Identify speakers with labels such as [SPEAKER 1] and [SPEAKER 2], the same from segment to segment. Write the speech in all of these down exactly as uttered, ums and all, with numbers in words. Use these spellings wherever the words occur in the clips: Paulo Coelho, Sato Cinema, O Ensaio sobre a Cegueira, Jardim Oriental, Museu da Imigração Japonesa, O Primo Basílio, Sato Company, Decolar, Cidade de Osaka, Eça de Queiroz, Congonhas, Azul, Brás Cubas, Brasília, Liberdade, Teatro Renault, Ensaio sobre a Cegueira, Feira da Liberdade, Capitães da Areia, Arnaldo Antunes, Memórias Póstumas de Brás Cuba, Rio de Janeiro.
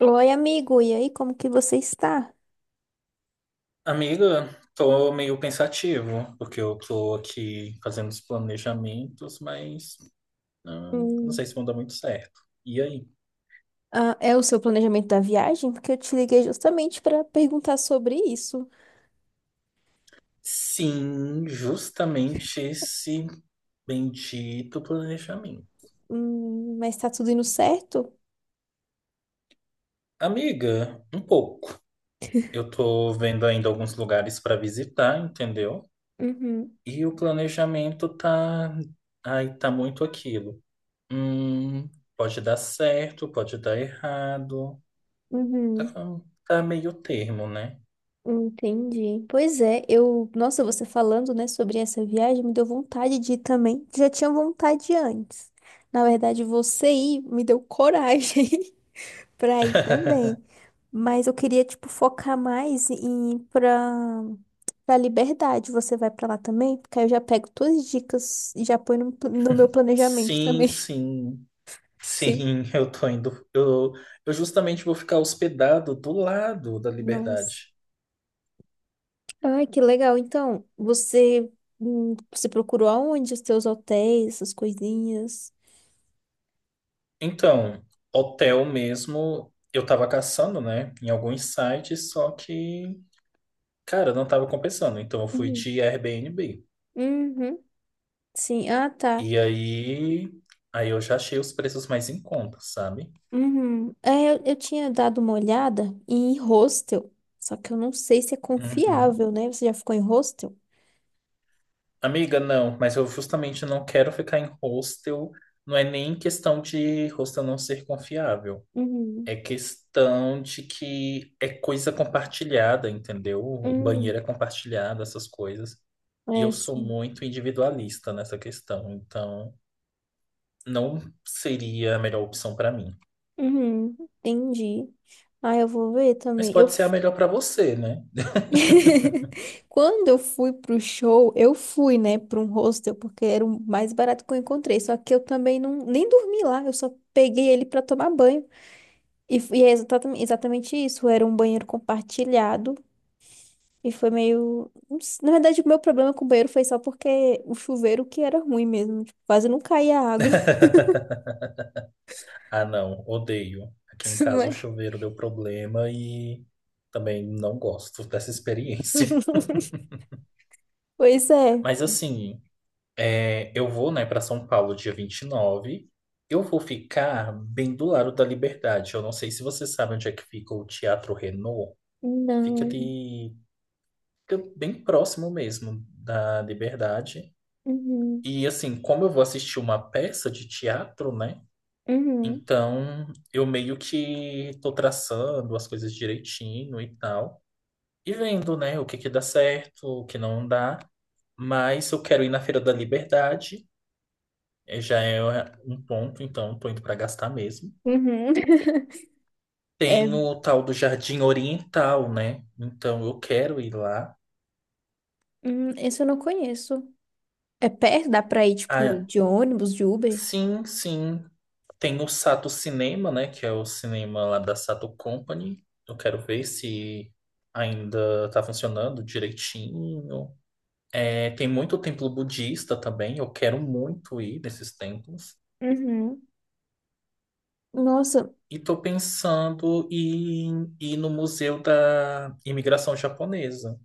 [SPEAKER 1] Oi, amigo, e aí, como que você está?
[SPEAKER 2] Amiga, tô meio pensativo, porque eu tô aqui fazendo os planejamentos, mas hum, não
[SPEAKER 1] Hum,
[SPEAKER 2] sei se vão dar muito certo. E aí?
[SPEAKER 1] Ah, é o seu planejamento da viagem? Porque eu te liguei justamente para perguntar sobre isso.
[SPEAKER 2] Sim, justamente esse bendito planejamento.
[SPEAKER 1] Hum, mas tá tudo indo certo?
[SPEAKER 2] Amiga, um pouco. Eu tô vendo ainda alguns lugares para visitar, entendeu?
[SPEAKER 1] Uhum,
[SPEAKER 2] E o planejamento tá. Ai, tá muito aquilo. Hum, Pode dar certo, pode dar errado. Tá,
[SPEAKER 1] uhum,
[SPEAKER 2] tá meio termo, né?
[SPEAKER 1] entendi. Pois é, eu, nossa, você falando, né, sobre essa viagem, me deu vontade de ir também. Já tinha vontade antes. Na verdade, você ir me deu coragem. Pra ir também. Mas eu, queria, tipo, focar mais em ir pra, pra Liberdade. Você vai pra lá também? Porque aí eu já pego todas as dicas e já ponho no, pl- no meu planejamento
[SPEAKER 2] Sim,
[SPEAKER 1] também.
[SPEAKER 2] sim,
[SPEAKER 1] Sim.
[SPEAKER 2] sim, eu tô indo. Eu, eu justamente vou ficar hospedado do lado da
[SPEAKER 1] Nossa.
[SPEAKER 2] Liberdade.
[SPEAKER 1] Ai, que legal. Então, você, hum, você procurou aonde os teus hotéis, essas coisinhas?
[SPEAKER 2] Então, hotel mesmo, eu tava caçando, né, em alguns sites, só que, cara, não tava compensando. Então, eu fui
[SPEAKER 1] Uhum.
[SPEAKER 2] de Airbnb.
[SPEAKER 1] Uhum. Sim. Ah, tá.
[SPEAKER 2] E aí, aí eu já achei os preços mais em conta, sabe?
[SPEAKER 1] Uhum. É, eu, eu tinha dado uma olhada em hostel, só que eu não sei se é
[SPEAKER 2] Uhum.
[SPEAKER 1] confiável, né? Você já ficou em hostel?
[SPEAKER 2] Amiga, não, mas eu justamente não quero ficar em hostel. Não é nem questão de hostel não ser confiável.
[SPEAKER 1] Uhum.
[SPEAKER 2] É questão de que é coisa compartilhada, entendeu?
[SPEAKER 1] Uhum.
[SPEAKER 2] Banheiro é compartilhado, essas coisas. E
[SPEAKER 1] É,
[SPEAKER 2] eu sou
[SPEAKER 1] sim.
[SPEAKER 2] muito individualista nessa questão, então não seria a melhor opção para mim.
[SPEAKER 1] Uhum. Entendi. Ah, eu vou ver
[SPEAKER 2] Mas
[SPEAKER 1] também. Eu
[SPEAKER 2] pode ser a
[SPEAKER 1] f-
[SPEAKER 2] melhor para você, né?
[SPEAKER 1] Quando eu fui pro show, eu fui, né, para um hostel, porque era o mais barato que eu encontrei. Só que eu também não nem dormi lá, eu só peguei ele para tomar banho. E, f- e é exatamente, exatamente isso, era um banheiro compartilhado. E foi meio. Não s- Na verdade, o meu problema com o banheiro foi só porque o chuveiro que era ruim mesmo. Tipo, quase não caía água,
[SPEAKER 2] Ah, não, odeio. Aqui em
[SPEAKER 1] não
[SPEAKER 2] casa o
[SPEAKER 1] é?
[SPEAKER 2] chuveiro deu problema e também não gosto dessa experiência.
[SPEAKER 1] Pois é.
[SPEAKER 2] Mas assim, é, eu vou, né, para São Paulo dia vinte e nove. Eu vou ficar bem do lado da Liberdade. Eu não sei se você sabe onde é que fica o Teatro Renault. Fica
[SPEAKER 1] Não.
[SPEAKER 2] de Fica bem próximo mesmo da Liberdade.
[SPEAKER 1] Uhum.
[SPEAKER 2] E assim, como eu vou assistir uma peça de teatro, né?
[SPEAKER 1] Uhum.
[SPEAKER 2] Então, eu meio que tô traçando as coisas direitinho e tal. E vendo, né, o que que dá certo, o que não dá. Mas eu quero ir na Feira da Liberdade. É, já é um ponto, então tô indo para gastar mesmo.
[SPEAKER 1] Uhum. É,
[SPEAKER 2] Tem o tal do Jardim Oriental, né? Então eu quero ir lá.
[SPEAKER 1] hum, esse eu não conheço. É perto? Dá pra ir, tipo,
[SPEAKER 2] Ah,
[SPEAKER 1] de ônibus, de Uber?
[SPEAKER 2] sim, sim. Tem o Sato Cinema, né? Que é o cinema lá da Sato Company. Eu quero ver se ainda tá funcionando direitinho. É, tem muito templo budista também. Eu quero muito ir nesses templos.
[SPEAKER 1] Uhum. Nossa,
[SPEAKER 2] E tô pensando em ir no Museu da Imigração Japonesa.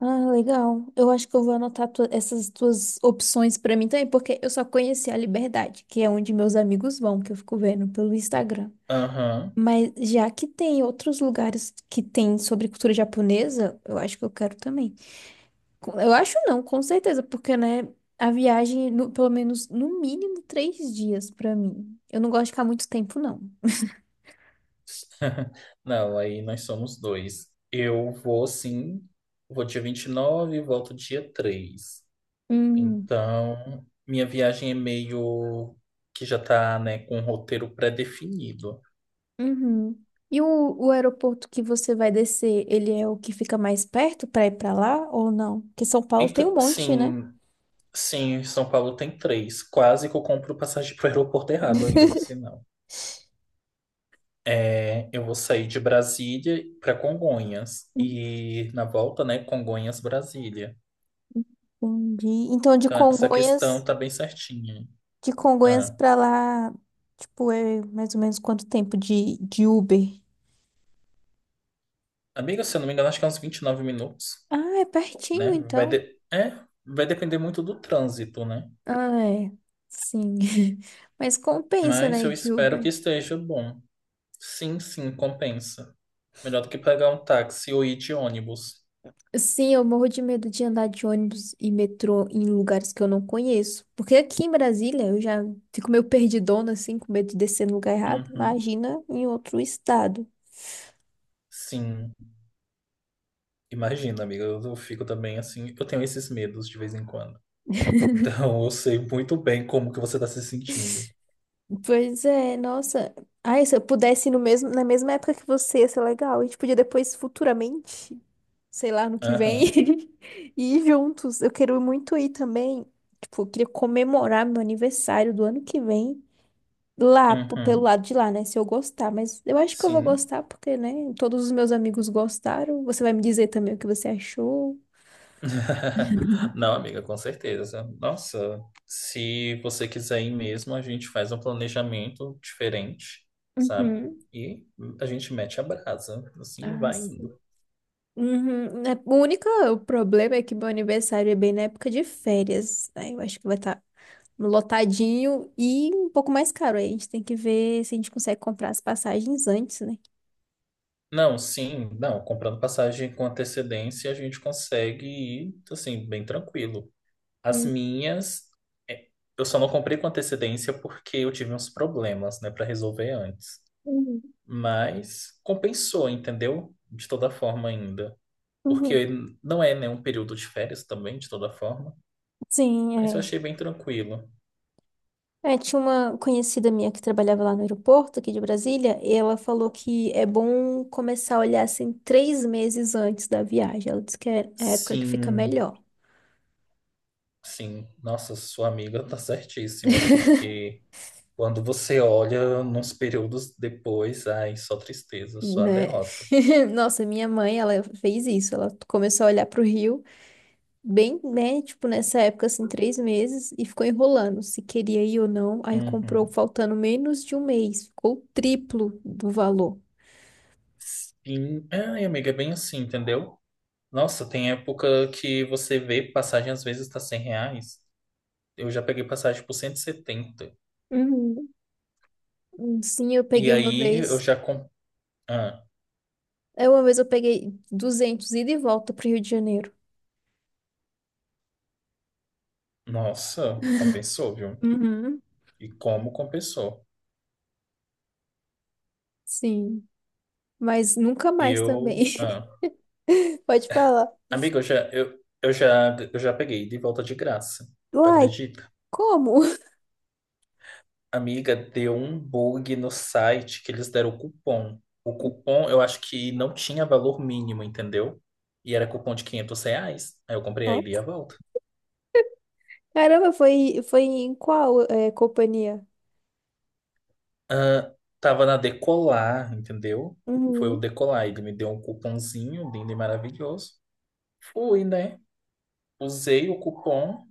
[SPEAKER 1] ah, legal. Eu acho que eu vou anotar tu- essas tuas opções pra mim também, porque eu só conheci a Liberdade, que é onde meus amigos vão, que eu fico vendo pelo Instagram.
[SPEAKER 2] Aham.
[SPEAKER 1] Mas já que tem outros lugares que tem sobre cultura japonesa, eu acho que eu quero também. Com- Eu acho não, com certeza, porque, né, a viagem, no- pelo menos, no mínimo, três dias pra mim. Eu não gosto de ficar muito tempo, não.
[SPEAKER 2] Não, aí nós somos dois. Eu vou sim, vou dia vinte e nove e volto dia três.
[SPEAKER 1] Hum,
[SPEAKER 2] Então, minha viagem é meio que já tá, né, com um roteiro pré-definido.
[SPEAKER 1] uhum. E o, o aeroporto que você vai descer, ele é o que fica mais perto pra ir pra lá ou não? Porque São Paulo tem um
[SPEAKER 2] Então,
[SPEAKER 1] monte, né?
[SPEAKER 2] sim, sim, São Paulo tem três. Quase que eu compro passagem pro aeroporto errado ainda, por sinal. É, eu vou sair de Brasília para Congonhas e na volta, né, Congonhas, Brasília.
[SPEAKER 1] Entendi. Então, de
[SPEAKER 2] Então, essa questão
[SPEAKER 1] Congonhas,
[SPEAKER 2] tá bem certinha.
[SPEAKER 1] de Congonhas
[SPEAKER 2] Ah.
[SPEAKER 1] pra lá, tipo, é mais ou menos quanto tempo de, de Uber?
[SPEAKER 2] Amiga, se eu não me engano, acho que é uns vinte e nove minutos,
[SPEAKER 1] Ah, é
[SPEAKER 2] né?
[SPEAKER 1] pertinho,
[SPEAKER 2] Vai
[SPEAKER 1] então.
[SPEAKER 2] de... É, vai depender muito do trânsito, né?
[SPEAKER 1] Ah, é. Sim. Mas compensa,
[SPEAKER 2] Mas
[SPEAKER 1] né, ir
[SPEAKER 2] eu
[SPEAKER 1] de
[SPEAKER 2] espero que
[SPEAKER 1] Uber?
[SPEAKER 2] esteja bom. Sim, sim, compensa. Melhor do que pegar um táxi ou ir de ônibus.
[SPEAKER 1] Sim, eu morro de medo de andar de ônibus e metrô em lugares que eu não conheço. Porque aqui em Brasília eu já fico meio perdidona, assim, com medo de descer no lugar errado.
[SPEAKER 2] Uhum.
[SPEAKER 1] Imagina em outro estado.
[SPEAKER 2] Sim. Imagina, amiga, eu eu fico também assim. Eu tenho esses medos de vez em quando. Então eu sei muito bem como que você está se sentindo.
[SPEAKER 1] Pois é, nossa. Ai, se eu pudesse ir no mesmo, na mesma época que você, ia ser legal. A gente podia depois, futuramente, sei lá, no que vem,
[SPEAKER 2] Aham.
[SPEAKER 1] ir juntos. Eu quero muito ir também. Tipo, eu, queria comemorar meu aniversário do ano que vem lá, p- pelo
[SPEAKER 2] Uhum.
[SPEAKER 1] lado de lá, né? Se eu gostar. Mas eu acho que eu vou
[SPEAKER 2] Sim.
[SPEAKER 1] gostar porque, né? Todos os meus amigos gostaram. Você vai me dizer também o que você achou.
[SPEAKER 2] Não, amiga, com certeza. Nossa, se você quiser ir mesmo, a gente faz um planejamento diferente, sabe?
[SPEAKER 1] Uhum.
[SPEAKER 2] E a gente mete a brasa, assim, e
[SPEAKER 1] Ai,
[SPEAKER 2] vai indo.
[SPEAKER 1] uhum, né, o único problema é que meu aniversário é bem na época de férias, né? Eu acho que vai estar lotadinho e um pouco mais caro. Aí a gente tem que ver se a gente consegue comprar as passagens antes, né?
[SPEAKER 2] Não, sim, não, comprando passagem com antecedência, a gente consegue ir, assim, bem tranquilo. As minhas, é, eu só não comprei com antecedência porque eu tive uns problemas, né, para resolver antes.
[SPEAKER 1] Uhum.
[SPEAKER 2] Mas compensou, entendeu? De toda forma ainda.
[SPEAKER 1] Uhum.
[SPEAKER 2] Porque não é né, um período de férias também, de toda forma,
[SPEAKER 1] Sim,
[SPEAKER 2] mas eu
[SPEAKER 1] é.
[SPEAKER 2] achei bem tranquilo.
[SPEAKER 1] É, tinha uma conhecida minha que trabalhava lá no aeroporto, aqui de Brasília, e ela falou que é bom começar a olhar assim três meses antes da viagem. Ela disse que é a época que fica
[SPEAKER 2] Sim,
[SPEAKER 1] melhor,
[SPEAKER 2] sim, nossa, sua amiga tá certíssima, porque quando você olha nos períodos depois, ai, só tristeza, só a
[SPEAKER 1] né?
[SPEAKER 2] derrota.
[SPEAKER 1] Nossa, minha mãe, ela fez isso. Ela começou a olhar para o Rio. Bem, né, tipo, nessa época, assim, três meses, e ficou enrolando se queria ir ou não. Aí comprou
[SPEAKER 2] Uhum.
[SPEAKER 1] faltando menos de um mês, ficou o triplo do valor.
[SPEAKER 2] Sim, ai, amiga, é bem assim, entendeu? Nossa, tem época que você vê passagem às vezes tá cem reais. Eu já peguei passagem por cento e setenta
[SPEAKER 1] Uhum. Hum, sim, eu
[SPEAKER 2] e
[SPEAKER 1] peguei uma
[SPEAKER 2] aí eu
[SPEAKER 1] vez,
[SPEAKER 2] já. Com... Ah,
[SPEAKER 1] é uma vez eu peguei duzentos ida e volta pro Rio de Janeiro.
[SPEAKER 2] nossa, compensou, viu?
[SPEAKER 1] Uhum.
[SPEAKER 2] E como compensou?
[SPEAKER 1] Sim, mas nunca mais também.
[SPEAKER 2] Eu. Ah.
[SPEAKER 1] Pode falar.
[SPEAKER 2] Amiga, eu já, eu, eu já, eu já peguei de volta de graça. Tu
[SPEAKER 1] Uai,
[SPEAKER 2] acredita?
[SPEAKER 1] como?
[SPEAKER 2] Amiga, deu um bug no site que eles deram o cupom. O cupom, eu acho que não tinha valor mínimo, entendeu? E era cupom de quinhentos reais. Aí eu comprei a
[SPEAKER 1] Ó.
[SPEAKER 2] ida e a volta.
[SPEAKER 1] Caramba, foi, foi em qual, é, companhia?
[SPEAKER 2] Ah, tava na Decolar, entendeu? Foi o
[SPEAKER 1] Uhum.
[SPEAKER 2] Decolar. Ele me deu um cupomzinho lindo e maravilhoso. Fui, né? Usei o cupom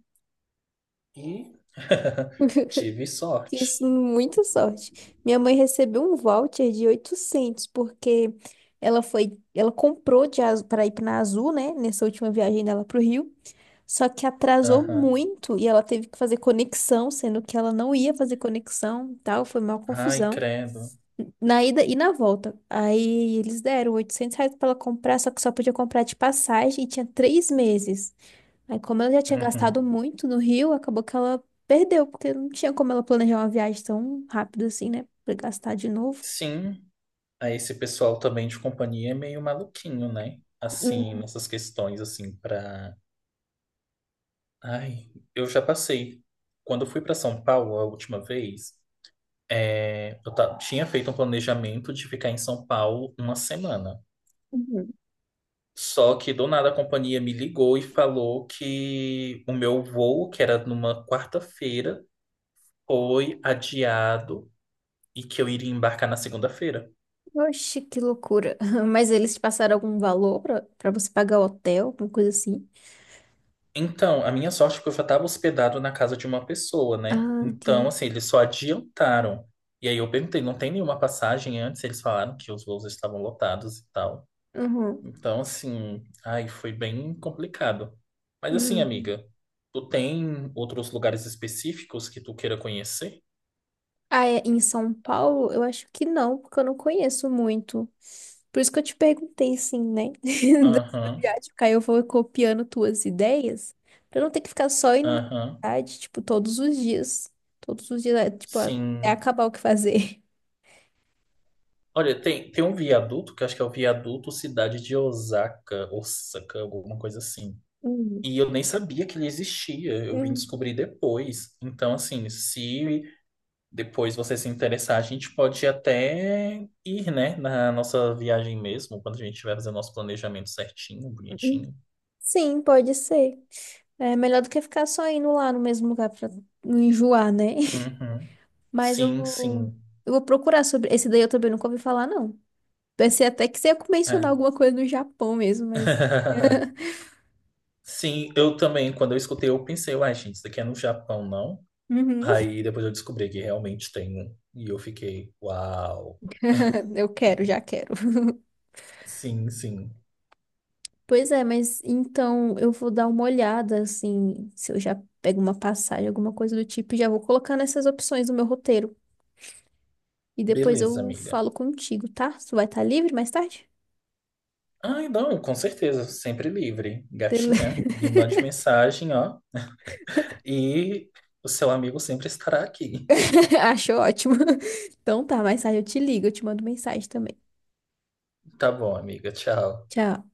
[SPEAKER 2] e tive sorte.
[SPEAKER 1] Isso, muita sorte. Minha mãe recebeu um voucher de oitocentos porque ela foi, ela comprou de para ir na Azul, né, nessa última viagem dela pro Rio, só que atrasou
[SPEAKER 2] Aham.
[SPEAKER 1] muito e ela teve que fazer conexão, sendo que ela não ia fazer conexão, e tal, foi uma
[SPEAKER 2] Ai,
[SPEAKER 1] confusão.
[SPEAKER 2] credo.
[SPEAKER 1] Na ida e na volta. Aí eles deram oitocentos reais para ela comprar, só que só podia comprar de passagem e tinha três meses. Aí, como ela já tinha
[SPEAKER 2] Uhum.
[SPEAKER 1] gastado muito no Rio, acabou que ela perdeu, porque não tinha como ela planejar uma viagem tão rápido assim, né? Pra gastar de novo.
[SPEAKER 2] Sim, aí esse pessoal também de companhia é meio maluquinho, né? Assim,
[SPEAKER 1] Uhum.
[SPEAKER 2] nessas questões, assim, pra... Ai, eu já passei. Quando eu fui pra São Paulo a última vez, é, eu ta- tinha feito um planejamento de ficar em São Paulo uma semana.
[SPEAKER 1] Uhum.
[SPEAKER 2] Só que do nada a companhia me ligou e falou que o meu voo, que era numa quarta-feira, foi adiado e que eu iria embarcar na segunda-feira.
[SPEAKER 1] Oxe, que loucura. Mas eles te passaram algum valor pra, pra, você pagar o hotel, alguma coisa assim?
[SPEAKER 2] Então, a minha sorte foi que eu já estava hospedado na casa de uma pessoa, né?
[SPEAKER 1] Ah,
[SPEAKER 2] Então,
[SPEAKER 1] entendi.
[SPEAKER 2] assim, eles só adiantaram. E aí eu perguntei, não tem nenhuma passagem antes? Eles falaram que os voos estavam lotados e tal.
[SPEAKER 1] Uhum.
[SPEAKER 2] Então, assim, ai, foi bem complicado. Mas assim,
[SPEAKER 1] Uhum.
[SPEAKER 2] amiga, tu tem outros lugares específicos que tu queira conhecer?
[SPEAKER 1] Ah, é, em São Paulo, eu acho que não, porque eu não conheço muito. Por isso que eu te perguntei, assim, né? Da sua
[SPEAKER 2] Aham,
[SPEAKER 1] viagem, porque aí eu vou copiando tuas ideias, pra não ter que ficar só indo na
[SPEAKER 2] aham,
[SPEAKER 1] cidade, tipo, todos os dias. Todos os dias, é, tipo, até
[SPEAKER 2] sim.
[SPEAKER 1] acabar o que fazer.
[SPEAKER 2] Olha, tem, tem um viaduto, que eu acho que é o viaduto Cidade de Osaka, Osaka, alguma coisa assim.
[SPEAKER 1] Hum,
[SPEAKER 2] E eu nem sabia que ele existia, eu vim
[SPEAKER 1] hum,
[SPEAKER 2] descobrir depois. Então, assim, se depois você se interessar, a gente pode até ir, né, na nossa viagem mesmo, quando a gente tiver fazendo nosso planejamento certinho,
[SPEAKER 1] hum.
[SPEAKER 2] bonitinho.
[SPEAKER 1] Sim, pode ser. É melhor do que ficar só indo lá no mesmo lugar pra não enjoar, né?
[SPEAKER 2] Uhum.
[SPEAKER 1] Mas eu
[SPEAKER 2] Sim,
[SPEAKER 1] vou,
[SPEAKER 2] sim.
[SPEAKER 1] eu vou procurar sobre. Esse daí eu também nunca ouvi falar, não. Pensei até que você ia mencionar
[SPEAKER 2] É.
[SPEAKER 1] alguma coisa do Japão mesmo, mas.
[SPEAKER 2] Sim, eu também, quando eu escutei, eu pensei, uai, gente, isso daqui é no Japão, não?
[SPEAKER 1] Uhum.
[SPEAKER 2] Aí depois eu descobri que realmente tem um. E eu fiquei, uau.
[SPEAKER 1] Eu quero, já quero.
[SPEAKER 2] Sim, sim.
[SPEAKER 1] Pois é, mas então eu vou dar uma olhada, assim, se eu já pego uma passagem, alguma coisa do tipo, e já vou colocar nessas opções do meu roteiro. E depois
[SPEAKER 2] Beleza,
[SPEAKER 1] eu
[SPEAKER 2] amiga.
[SPEAKER 1] falo contigo, tá? Tu vai estar livre mais tarde?
[SPEAKER 2] Ai, não, com certeza, sempre livre.
[SPEAKER 1] Tele-
[SPEAKER 2] Gatinha, me mande mensagem, ó, e o seu amigo sempre estará aqui.
[SPEAKER 1] Acho ótimo. Então tá, mais tarde eu te ligo, eu te mando mensagem também.
[SPEAKER 2] Tá bom, amiga, tchau.
[SPEAKER 1] Tchau.